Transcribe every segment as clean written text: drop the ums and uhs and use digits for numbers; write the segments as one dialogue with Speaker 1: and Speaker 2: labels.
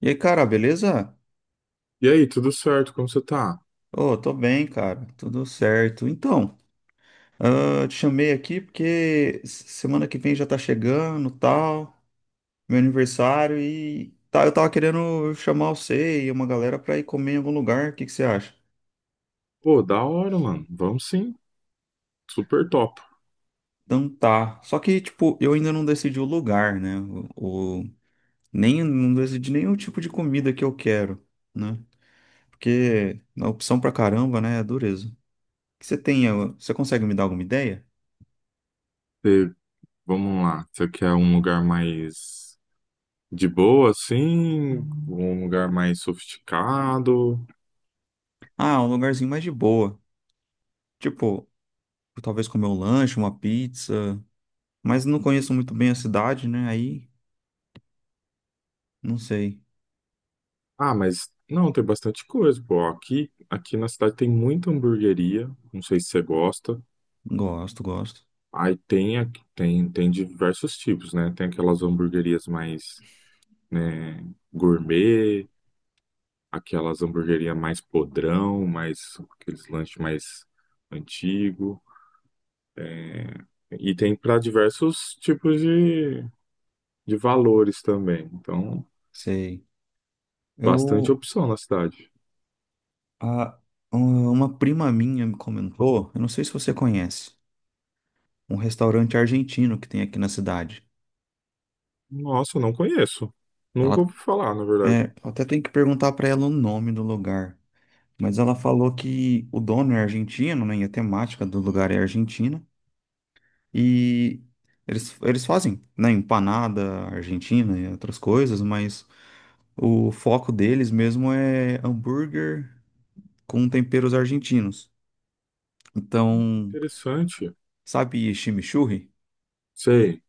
Speaker 1: E aí, cara, beleza?
Speaker 2: E aí, tudo certo? Como você tá?
Speaker 1: Ô, tô bem, cara, tudo certo. Então, eu te chamei aqui porque semana que vem já tá chegando, tal, meu aniversário e tá, eu tava querendo chamar você e uma galera pra ir comer em algum lugar, o que que você acha?
Speaker 2: Pô, da hora, mano. Vamos sim. Super top.
Speaker 1: Então tá, só que, tipo, eu ainda não decidi o lugar, né? O- nem, não decidi nenhum tipo de comida que eu quero, né? Porque a opção pra caramba, né, é dureza. O que você tem? Você consegue me dar alguma ideia?
Speaker 2: Você- Vamos lá. Você quer um lugar mais de boa, assim? Um lugar mais sofisticado?
Speaker 1: Ah, um lugarzinho mais de boa. Tipo, talvez comer um lanche, uma pizza. Mas não conheço muito bem a cidade, né? Aí, não sei.
Speaker 2: Ah, mas não, tem bastante coisa, pô. Aqui na cidade tem muita hamburgueria. Não sei se você gosta.
Speaker 1: Gosto, gosto.
Speaker 2: Aí tem, tem diversos tipos, né? Tem aquelas hamburguerias mais, né, gourmet. Aquelas hamburgueria mais podrão, mais aqueles lanches mais antigo. E tem para diversos tipos de valores também. Então,
Speaker 1: Sei.
Speaker 2: bastante
Speaker 1: Eu.
Speaker 2: opção na cidade.
Speaker 1: A, um, uma prima minha me comentou, eu não sei se você conhece, um restaurante argentino que tem aqui na cidade.
Speaker 2: Nossa, não conheço. Nunca
Speaker 1: Ela.
Speaker 2: ouvi falar, na verdade.
Speaker 1: É, eu até tenho que perguntar pra ela o nome do lugar. Mas ela falou que o dono é argentino, né? E a temática do lugar é argentina. E eles fazem, né? Empanada argentina e outras coisas, mas. O foco deles mesmo é hambúrguer com temperos argentinos. Então,
Speaker 2: Interessante.
Speaker 1: sabe chimichurri,
Speaker 2: Sei,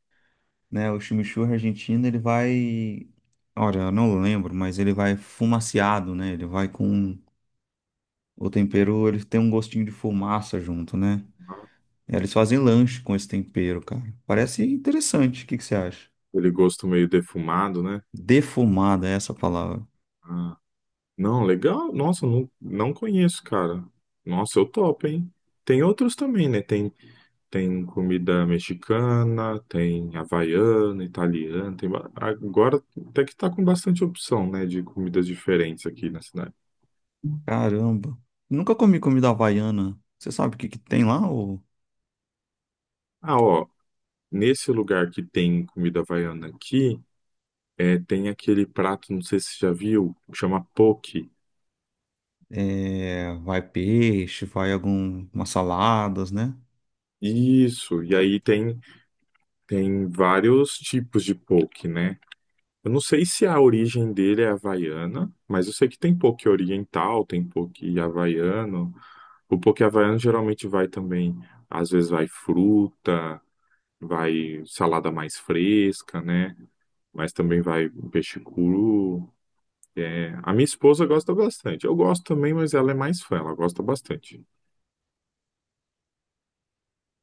Speaker 1: né? O chimichurri argentino, ele vai, olha, eu não lembro, mas ele vai fumaciado, né? Ele vai com o tempero, ele tem um gostinho de fumaça junto, né? É, eles fazem lanche com esse tempero, cara. Parece interessante. O que que você acha?
Speaker 2: aquele gosto meio defumado, né?
Speaker 1: Defumada é essa palavra.
Speaker 2: Ah, não, legal. Nossa, não conheço, cara. Nossa, eu topo, hein? Tem outros também, né? Tem comida mexicana, tem havaiana, italiana, Agora até que tá com bastante opção, né, de comidas diferentes aqui na cidade.
Speaker 1: Caramba. Nunca comi comida havaiana. Você sabe o que que tem lá, ou?
Speaker 2: Ah, ó, nesse lugar que tem comida havaiana aqui, é, tem aquele prato, não sei se você já viu, chama poke.
Speaker 1: É, vai peixe, vai algumas saladas, né?
Speaker 2: Isso, e tem vários tipos de poke, né? Eu não sei se a origem dele é havaiana, mas eu sei que tem poke oriental, tem poke havaiano. O poke havaiano geralmente vai também, às vezes vai fruta, vai salada mais fresca, né? Mas também vai peixe cru. É, a minha esposa gosta bastante. Eu gosto também, mas ela é mais fã, ela gosta bastante.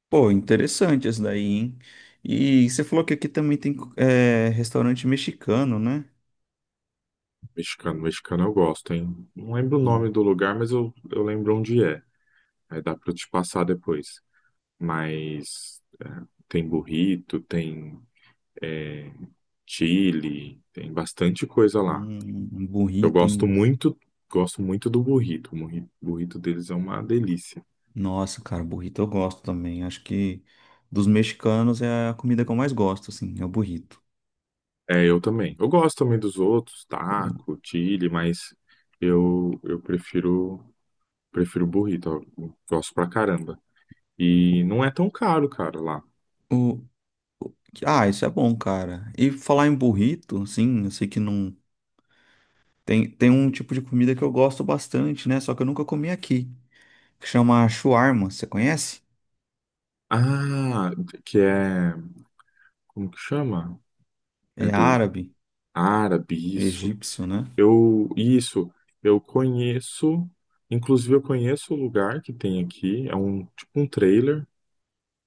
Speaker 1: Pô, interessante esse daí, hein? E você falou que aqui também tem restaurante mexicano, né?
Speaker 2: Mexicano, eu gosto, hein? Não lembro o nome
Speaker 1: Hum,
Speaker 2: do lugar, mas eu lembro onde é. Aí dá pra eu te passar depois. Mas tem burrito, tem é, chili, tem bastante coisa lá.
Speaker 1: um
Speaker 2: Eu
Speaker 1: burrito,
Speaker 2: gosto
Speaker 1: hein?
Speaker 2: muito, gosto muito do burrito. O burrito deles é uma delícia.
Speaker 1: Nossa, cara, burrito eu gosto também. Acho que dos mexicanos é a comida que eu mais gosto, assim, é o burrito.
Speaker 2: É, eu também. Eu gosto também dos outros,
Speaker 1: O,
Speaker 2: taco, chili, mas eu prefiro burrito. Eu gosto pra caramba. E não é tão caro, cara, lá.
Speaker 1: o- o- isso é bom, cara. E falar em burrito, assim, eu sei que não. Tem um tipo de comida que eu gosto bastante, né? Só que eu nunca comi aqui. Que chama shawarma, você conhece?
Speaker 2: Ah, que é, como que chama? É
Speaker 1: É
Speaker 2: do
Speaker 1: árabe,
Speaker 2: árabe, isso.
Speaker 1: egípcio, né?
Speaker 2: Eu, isso, eu conheço, inclusive eu conheço o lugar que tem aqui, é um tipo um trailer.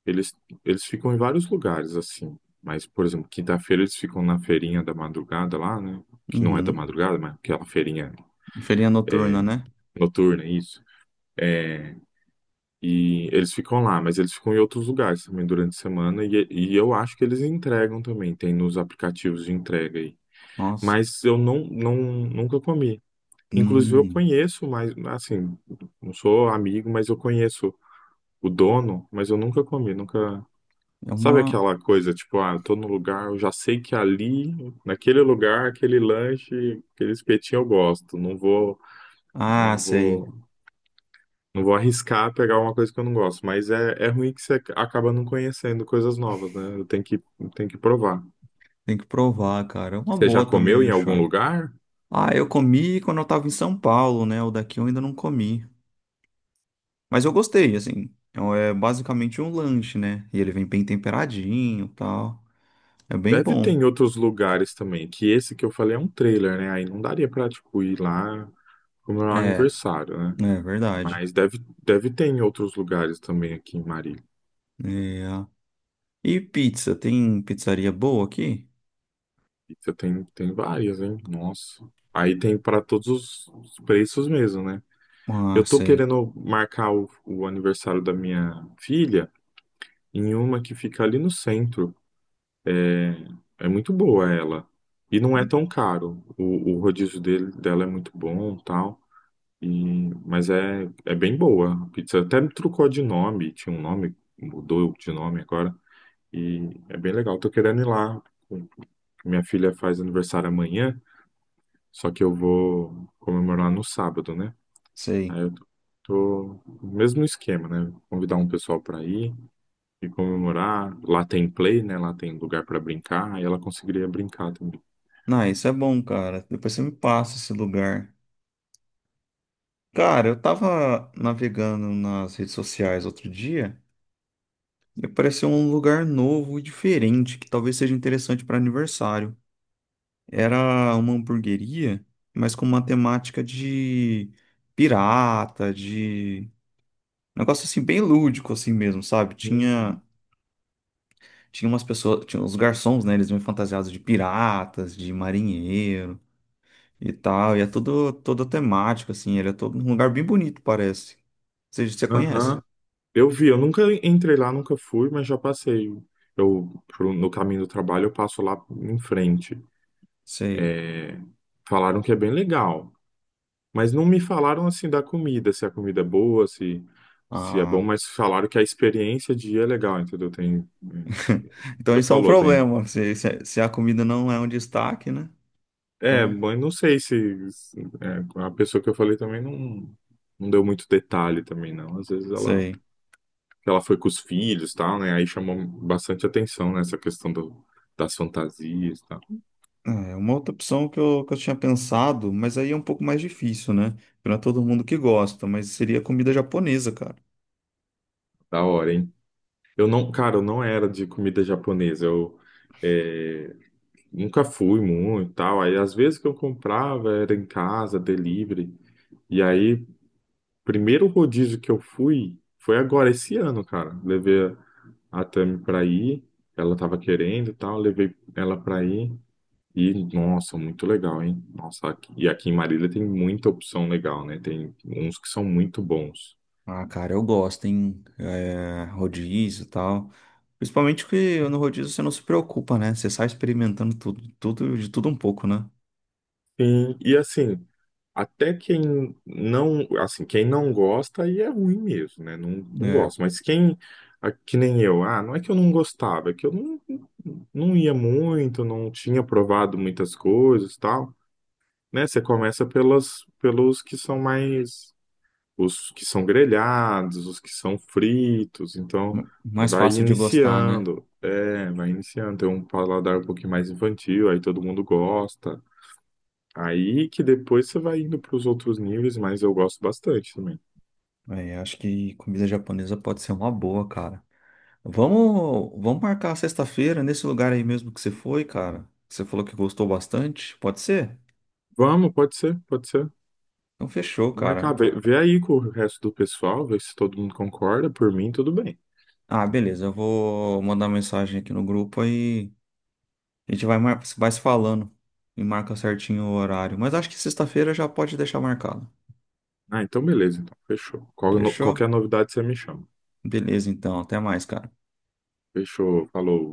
Speaker 2: Eles, eles ficam em vários lugares, assim. Mas, por exemplo, quinta-feira eles ficam na feirinha da madrugada lá, né? Que não é da
Speaker 1: Uhum.
Speaker 2: madrugada, mas aquela feirinha
Speaker 1: Feirinha noturna,
Speaker 2: é,
Speaker 1: né?
Speaker 2: noturna, isso. É, e eles ficam lá, mas eles ficam em outros lugares também durante a semana. E eu acho que eles entregam também, tem nos aplicativos de entrega aí.
Speaker 1: Nossa.
Speaker 2: Mas eu não, nunca comi. Inclusive, eu
Speaker 1: Hum,
Speaker 2: conheço, mas assim, não sou amigo, mas eu conheço o dono, mas eu nunca comi, nunca.
Speaker 1: é
Speaker 2: Sabe
Speaker 1: uma.
Speaker 2: aquela coisa, tipo, ah, eu tô no lugar, eu já sei que ali, naquele lugar, aquele lanche, aquele espetinho eu gosto.
Speaker 1: Ah,
Speaker 2: Não
Speaker 1: sei.
Speaker 2: vou, não vou arriscar pegar uma coisa que eu não gosto. Mas é, é ruim que você acaba não conhecendo coisas novas, né? Tenho que provar.
Speaker 1: Tem que provar, cara. É uma
Speaker 2: Você já
Speaker 1: boa
Speaker 2: comeu
Speaker 1: também
Speaker 2: em
Speaker 1: o
Speaker 2: algum
Speaker 1: shawarma.
Speaker 2: lugar?
Speaker 1: Ah, eu comi quando eu tava em São Paulo, né? O daqui eu ainda não comi. Mas eu gostei, assim. É um, é basicamente um lanche, né? E ele vem bem temperadinho e tal. É bem
Speaker 2: Deve ter
Speaker 1: bom.
Speaker 2: em outros lugares também, que esse que eu falei é um trailer, né? Aí não daria pra, tipo, ir lá comemorar o
Speaker 1: É,
Speaker 2: aniversário, né?
Speaker 1: é verdade.
Speaker 2: Mas deve, deve ter em outros lugares também aqui em Marília.
Speaker 1: É. E pizza? Tem pizzaria boa aqui?
Speaker 2: Pizza tem, tem várias, né? Nossa. Aí tem para todos os preços mesmo, né?
Speaker 1: Ah,
Speaker 2: Eu tô
Speaker 1: sei.
Speaker 2: querendo marcar o aniversário da minha filha em uma que fica ali no centro. É é muito boa ela. E não é tão caro. O rodízio dele, dela é muito bom, tal. E, mas é, é bem boa a pizza. Até me trocou de nome, tinha um nome, mudou de nome agora. E é bem legal. Tô querendo ir lá. Minha filha faz aniversário amanhã. Só que eu vou comemorar no sábado, né?
Speaker 1: Sei.
Speaker 2: Aí eu tô, tô no mesmo esquema, né? Convidar um pessoal para ir e comemorar. Lá tem play, né? Lá tem lugar para brincar. Aí ela conseguiria brincar também.
Speaker 1: Ah, isso é bom, cara. Depois você me passa esse lugar. Cara, eu tava navegando nas redes sociais outro dia e apareceu um lugar novo e diferente que talvez seja interessante para aniversário. Era uma hamburgueria, mas com uma temática de pirata, de negócio assim bem lúdico assim mesmo, sabe? Tinha
Speaker 2: Hum.
Speaker 1: tinha umas pessoas, tinha os garçons, né? Eles vinham fantasiados de piratas, de marinheiro, e tal. E é todo, todo temático, assim. Ele é todo um lugar bem bonito, parece. Você conhece?
Speaker 2: Aham. Eu vi, eu nunca entrei lá, nunca fui, mas já passei. No caminho do trabalho, eu passo lá em frente.
Speaker 1: Sei.
Speaker 2: É, falaram que é bem legal. Mas não me falaram assim da comida, se a comida é boa, se é bom,
Speaker 1: Ah,
Speaker 2: mas falaram que a experiência de ir é legal, entendeu? Tem, é,
Speaker 1: então
Speaker 2: você
Speaker 1: isso é um
Speaker 2: falou, tem.
Speaker 1: problema. Se a comida não é um destaque, né?
Speaker 2: É,
Speaker 1: Então,
Speaker 2: mas não sei se é, a pessoa que eu falei também não deu muito detalhe também, não. Às vezes
Speaker 1: sei.
Speaker 2: ela foi com os filhos, e tal, né? Aí chamou bastante atenção, né, essa questão do, das fantasias, e tal.
Speaker 1: É, uma outra opção que eu tinha pensado, mas aí é um pouco mais difícil, né? Não é todo mundo que gosta, mas seria comida japonesa, cara.
Speaker 2: Da hora, hein? Eu não, cara, eu não era de comida japonesa. Eu, é, nunca fui muito e tal. Aí às vezes que eu comprava era em casa, delivery. E aí, primeiro rodízio que eu fui foi agora esse ano, cara. Levei a Tami pra ir, ela tava querendo e tal, levei ela pra ir. E nossa, muito legal, hein? E aqui em Marília tem muita opção legal, né? Tem uns que são muito bons.
Speaker 1: Ah, cara, eu gosto, hein? É, rodízio e tal. Principalmente que no rodízio você não se preocupa, né? Você sai experimentando tudo, tudo, de tudo um pouco, né?
Speaker 2: Sim, e assim, até quem não gosta aí é ruim mesmo, né? Não, não
Speaker 1: É,
Speaker 2: gosta. Mas quem, ah, que nem eu, ah, não é que eu não gostava, é que eu não ia muito, não tinha provado muitas coisas, e tal, né? Você começa pelos que são mais, os que são grelhados, os que são fritos, então
Speaker 1: mais
Speaker 2: vai
Speaker 1: fácil de gostar, né?
Speaker 2: iniciando, é, vai iniciando, tem um paladar um pouquinho mais infantil, aí todo mundo gosta. Aí que depois você vai indo para os outros níveis, mas eu gosto bastante também.
Speaker 1: É, acho que comida japonesa pode ser uma boa, cara. Vamos marcar sexta-feira nesse lugar aí mesmo que você foi, cara. Você falou que gostou bastante, pode ser?
Speaker 2: Vamos, pode ser, pode ser.
Speaker 1: Então fechou, cara.
Speaker 2: Vê aí com o resto do pessoal, vê se todo mundo concorda. Por mim, tudo bem.
Speaker 1: Ah, beleza, eu vou mandar mensagem aqui no grupo aí. A gente vai, mar... vai se falando e marca certinho o horário. Mas acho que sexta-feira já pode deixar marcado.
Speaker 2: Ah, então beleza, então fechou. Qualquer
Speaker 1: Fechou?
Speaker 2: novidade você me chama.
Speaker 1: Beleza, então. Até mais, cara.
Speaker 2: Fechou, falou.